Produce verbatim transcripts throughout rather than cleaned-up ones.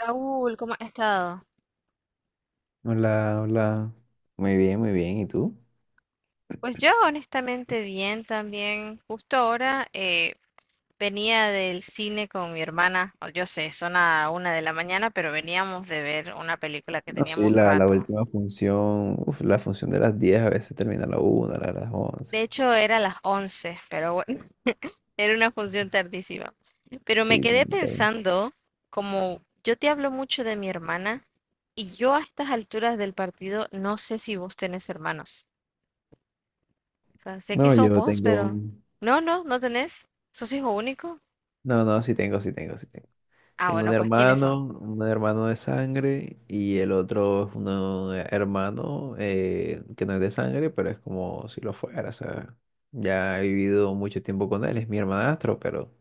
Raúl, ¿cómo has estado? Hola, hola. Muy bien, muy bien. ¿Y tú? Pues yo honestamente bien también. Justo ahora eh, venía del cine con mi hermana. O Yo sé, son a una de la mañana, pero veníamos de ver una película que No, sí, teníamos la, la rato. última función, uf, la función de las diez a veces termina a la una a las once. De hecho, era las once, pero bueno, era una función tardísima. Pero me Sí, quedé tengo- pensando, como yo te hablo mucho de mi hermana, y yo a estas alturas del partido no sé si vos tenés hermanos. Sea, sé que no, sos yo vos, tengo, pero... un- No, no, no tenés. ¿Sos hijo único? no, no, sí tengo, sí tengo, sí tengo. Ah, Tengo un bueno, pues ¿quiénes son? hermano, un hermano de sangre y el otro es un hermano eh, que no es de sangre, pero es como si lo fuera, o sea, ya he vivido mucho tiempo con él, es mi hermanastro, pero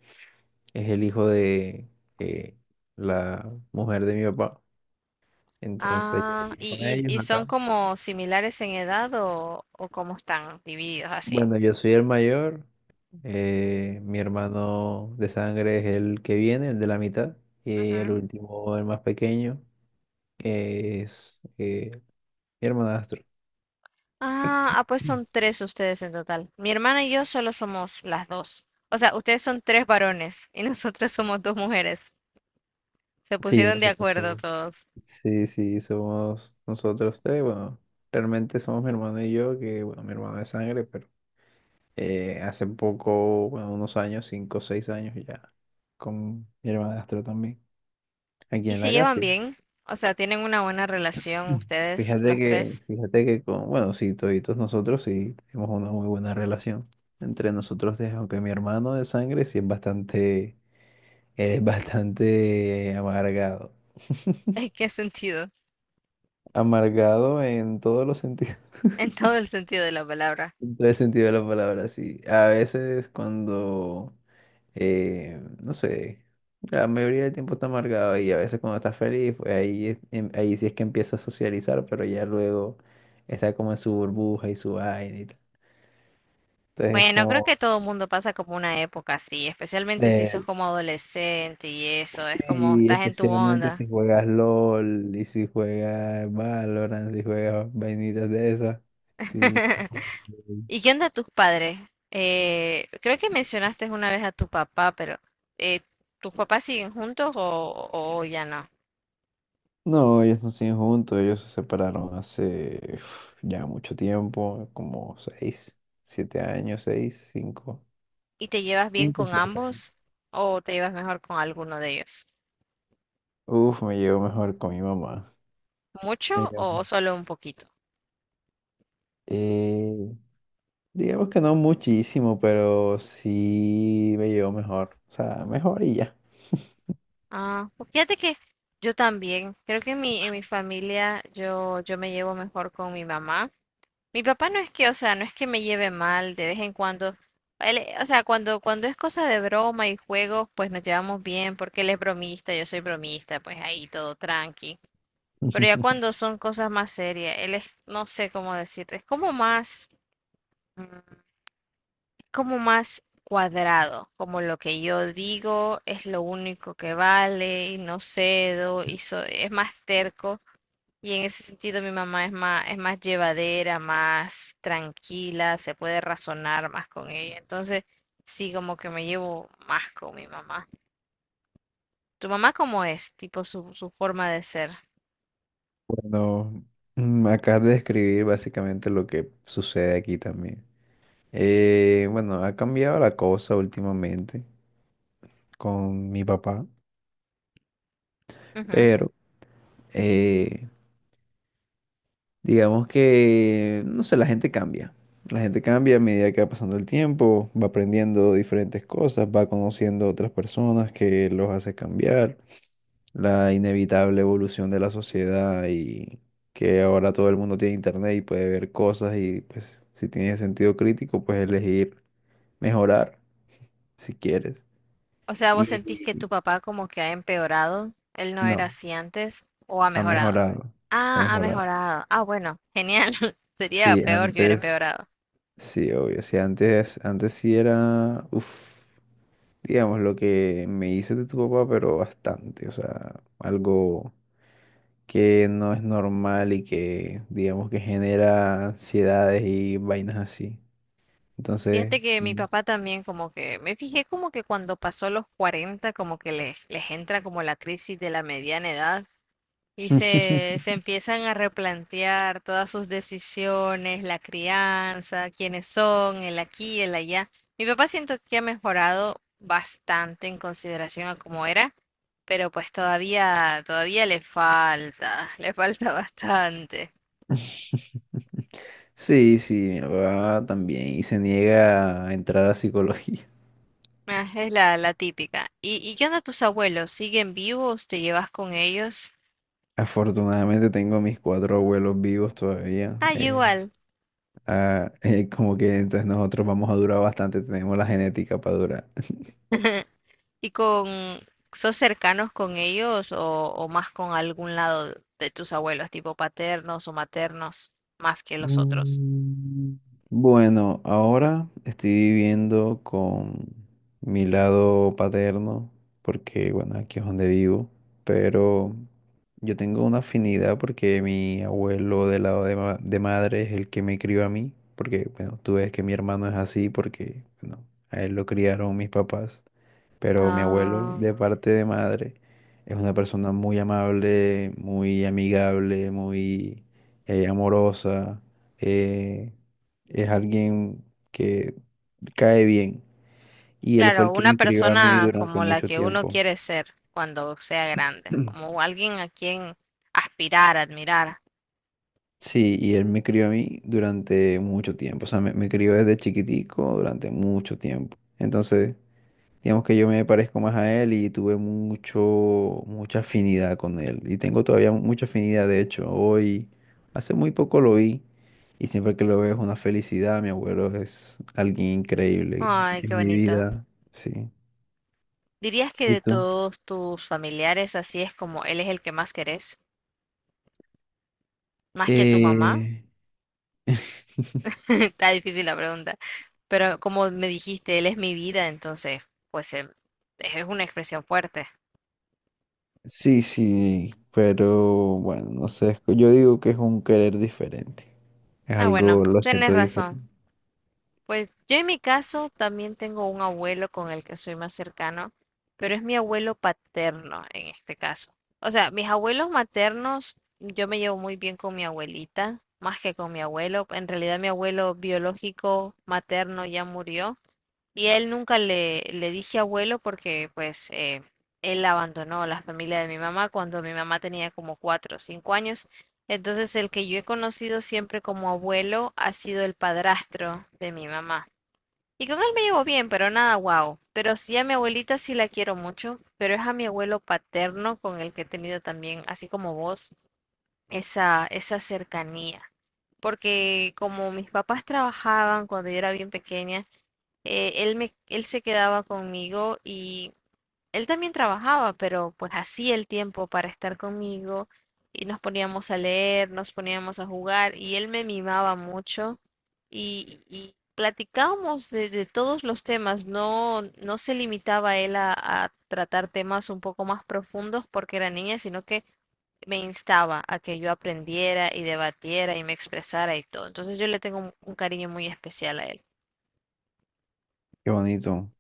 es el hijo de eh, la mujer de mi papá. Entonces yo Ah, vivo con ¿y, ellos y, y son acá. como similares en edad o, o cómo están divididos así? Bueno, yo soy el mayor. Eh, mi hermano de sangre es el que viene, el de la mitad. Y el Ujú. último, el más pequeño, que es eh, mi hermanastro. Ah, ah, pues son tres ustedes en total. Mi hermana y yo solo somos las dos. O sea, ustedes son tres varones y nosotros somos dos mujeres. Se Sí, pusieron de nosotros acuerdo somos. todos. Sí, sí, somos nosotros tres. Bueno, realmente somos mi hermano y yo, que bueno, mi hermano de sangre, pero eh, hace poco, bueno, unos años, cinco o seis años ya, con mi hermanastro también, aquí ¿Y en se la llevan casa. bien? O sea, ¿tienen una buena relación ustedes, Fíjate los que, tres? fíjate que con, bueno, sí, toditos nosotros sí tenemos una muy buena relación entre nosotros, tres, aunque mi hermano de sangre sí es bastante, él es bastante amargado. ¿En qué sentido? Amargado en todos los sentidos, En todo el sentido de la palabra. en todo el sentido de la palabra, sí. A veces cuando, eh, no sé, la mayoría del tiempo está amargado y a veces cuando está feliz, pues ahí, es- em- ahí sí es que empieza a socializar, pero ya luego está como en su burbuja y su vaina y tal. Entonces, Bueno, creo que como, todo el mundo pasa como una época así, especialmente si sos se, como adolescente y eso, es como sí, estás en tu especialmente onda. si juegas LOL y si juegas Valorant, si juegas vainitas de esas. Sí. ¿Y qué onda tus padres? Eh, creo que mencionaste una vez a tu papá, pero eh, ¿tus papás siguen juntos o, o ya no? No, ellos no siguen juntos, ellos se separaron hace uf, ya mucho tiempo, como seis, siete años, seis, cinco. ¿Y te llevas bien Cinco, o con seis años. ambos o te llevas mejor con alguno de ellos? Uf, me llevo mejor con mi mamá. Me ¿Mucho llevo- o solo un poquito? eh, digamos que no muchísimo, pero sí me llevo mejor. O sea, mejor y ya. Ah, pues fíjate que yo también, creo que en mi, en mi familia yo, yo me llevo mejor con mi mamá. Mi papá no es que, o sea, no es que me lleve mal de vez en cuando. Él, eh, o sea, cuando, cuando es cosa de broma y juegos, pues nos llevamos bien, porque él es bromista, yo soy bromista, pues ahí todo tranqui. Pero ya cuando son cosas más serias, él es, no sé cómo decirte, es como más, mm, como más cuadrado, como lo que yo digo es lo único que vale y no cedo, y so- es más terco. Y en ese sentido mi mamá es más, es más llevadera, más tranquila, se puede razonar más con ella. Entonces, sí, como que me llevo más con mi mamá. ¿Tu mamá cómo es? Tipo su, su forma de ser. Bueno, mm, acabas de describir básicamente lo que sucede aquí también. Eh, bueno, ha cambiado la cosa últimamente con mi papá, Ujú. pero eh, digamos que, no sé, la gente cambia. La gente cambia a medida que va pasando el tiempo, va aprendiendo diferentes cosas, va conociendo otras personas que los hace cambiar. La inevitable evolución de la sociedad y que ahora todo el mundo tiene internet y puede ver cosas y pues si tienes sentido crítico, pues elegir mejorar si quieres. O sea, ¿vos sentís que tu Y papá como que ha empeorado? ¿Él no era no, así antes o ha ha mejorado? mejorado, ha Ah, ha mejorado. mejorado. Ah, bueno, genial. Sería Sí, peor que hubiera antes, empeorado. sí, obvio, sí, antes, antes sí era, uff, digamos, lo que me hice de tu papá, pero bastante, o sea, algo que no es normal y que digamos que genera ansiedades y vainas así. Entonces, Fíjate que mi mm. papá también como que, me fijé como que cuando pasó los cuarenta como que les, les entra como la crisis de la mediana edad y se, se empiezan a replantear todas sus decisiones, la crianza, quiénes son, el aquí, el allá. Mi papá siento que ha mejorado bastante en consideración a cómo era, pero pues todavía, todavía le falta, le falta bastante. Sí, sí, mi papá también y se niega a entrar a psicología. Ah, es la, la típica. ¿Y, y qué onda tus abuelos? ¿Siguen vivos? ¿Te llevas con ellos? Afortunadamente tengo a mis cuatro abuelos vivos todavía. Ah, yo eh, igual. Ah, eh, como que entonces nosotros vamos a durar bastante, tenemos la genética para durar. ¿Y con, Sos cercanos con ellos o, o más con algún lado de tus abuelos, tipo paternos o maternos, más que los otros? Mm, Bueno, ahora estoy viviendo con mi lado paterno, porque bueno, aquí es donde vivo, pero yo tengo una afinidad porque mi abuelo del lado de, ma- de madre es el que me crió a mí, porque bueno, tú ves que mi hermano es así porque bueno, a él lo criaron mis papás. Pero mi abuelo, Ah, de parte de madre, es una persona muy amable, muy amigable, muy eh, amorosa. eh, es alguien que cae bien. Y él fue claro, el que una me crió a mí persona durante como la mucho que uno tiempo. quiere ser cuando sea grande, como alguien a quien aspirar, admirar. Sí, y él me crió a mí durante mucho tiempo. O sea, me, me crió desde chiquitico durante mucho tiempo. Entonces, digamos que yo me parezco más a él y tuve mucho, mucha afinidad con él. Y tengo todavía mucha afinidad, de hecho, hoy, hace muy poco lo vi y siempre que lo veo es una felicidad. Mi abuelo es alguien increíble Ay, qué en mi bonito. vida, sí. ¿Dirías que ¿Y de tú? todos tus familiares así es como él es el que más querés, más que a tu mamá? Eh... Está difícil la pregunta, pero como me dijiste, él es mi vida, entonces, pues em, es una expresión fuerte. Sí, sí, pero bueno, no sé, es que yo digo que es un querer diferente. Es Ah, algo, bueno, lo tenés siento razón. diferente. Pues yo en mi caso también tengo un abuelo con el que soy más cercano, pero es mi abuelo paterno en este caso. O sea, mis abuelos maternos, yo me llevo muy bien con mi abuelita, más que con mi abuelo. En realidad mi abuelo biológico materno ya murió. Y a él nunca le, le dije abuelo porque pues eh, él abandonó la familia de mi mamá cuando mi mamá tenía como cuatro o cinco años. Entonces el que yo he conocido siempre como abuelo ha sido el padrastro de mi mamá. Y con él me llevo bien, pero nada guau. Pero sí a mi abuelita sí la quiero mucho, pero es a mi abuelo paterno con el que he tenido también, así como vos, esa, esa cercanía. Porque como mis papás trabajaban cuando yo era bien pequeña, eh, él me, él se quedaba conmigo y él también trabajaba, pero pues hacía el tiempo para estar conmigo y nos poníamos a leer, nos poníamos a jugar y él me mimaba mucho y, y platicábamos de, de todos los temas, no, no se limitaba él a, a tratar temas un poco más profundos porque era niña, sino que me instaba a que yo aprendiera y debatiera y me expresara y todo. Entonces yo le tengo un un cariño muy especial a él. Qué bonito,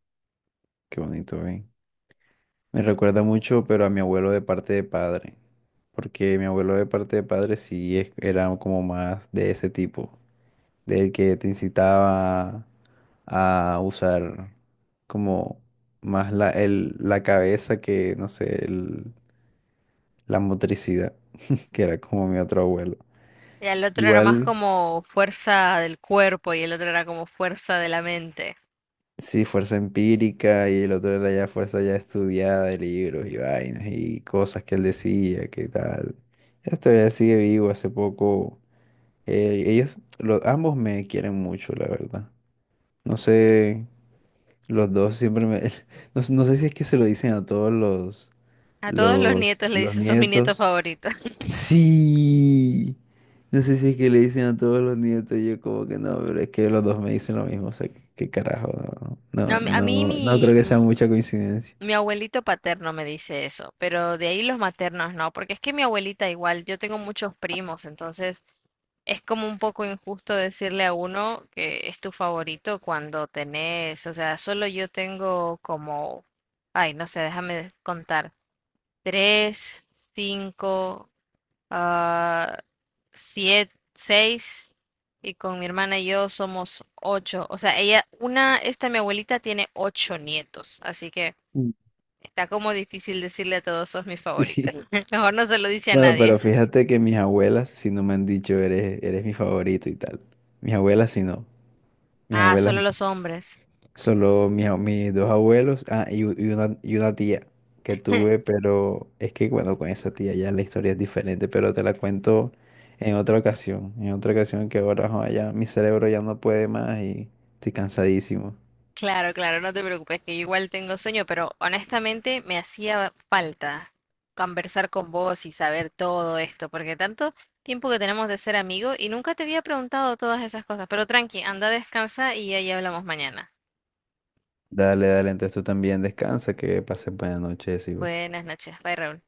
qué bonito, ¿eh? Me recuerda mucho, pero a mi abuelo de parte de padre, porque mi abuelo de parte de padre sí es- era como más de ese tipo, del que te incitaba a usar como más la, el- la cabeza que, no sé, el- la motricidad, que era como mi otro abuelo. Ya el otro era más Igual, como fuerza del cuerpo y el otro era como fuerza de la mente. sí, fuerza empírica y el otro era ya fuerza ya estudiada de libros y vainas y cosas que él decía, que tal. Esto ya sigue vivo, hace poco. Eh, ellos, los, ambos me quieren mucho, la verdad. No sé, los dos siempre me... No, no sé si es que se lo dicen a todos los, A todos los los, nietos le los dice, sos mi nieto nietos. favorito. Sí. No sé si es que le dicen a todos los nietos. Yo como que no, pero es que los dos me dicen lo mismo. O sea, que- qué carajo. No, No, a mí a no, mí no, no mi, creo que sea mi mucha coincidencia. mi abuelito paterno me dice eso, pero de ahí los maternos no, porque es que mi abuelita igual, yo tengo muchos primos, entonces es como un poco injusto decirle a uno que es tu favorito cuando tenés, o sea, solo yo tengo como, ay, no sé, déjame contar, tres, cinco, ah, siete, seis, y con mi hermana y yo somos ocho. O sea, ella, una, esta mi abuelita tiene ocho nietos, así que Mm. está como difícil decirle a todos, sos mi favorita. Sí. Mejor no se lo dice a Bueno, pero nadie. fíjate que mis abuelas si no me han dicho, eres, eres mi favorito y tal. Mis abuelas si no. Mis Ah, abuelas. solo los hombres. Solo mis, a- mis dos abuelos, ah, y, u- y una, y una tía que tuve, pero es que bueno, con esa tía ya la historia es diferente, pero te la cuento en otra ocasión, en otra ocasión que ahora joa, ya mi cerebro ya no puede más y estoy cansadísimo. Claro, claro, no te preocupes, que yo igual tengo sueño, pero honestamente me hacía falta conversar con vos y saber todo esto, porque tanto tiempo que tenemos de ser amigos y nunca te había preguntado todas esas cosas, pero tranqui, anda, descansa y ahí hablamos mañana. Dale, dale, entonces tú también descansa, que pases buenas noches, y Buenas noches, bye Raúl.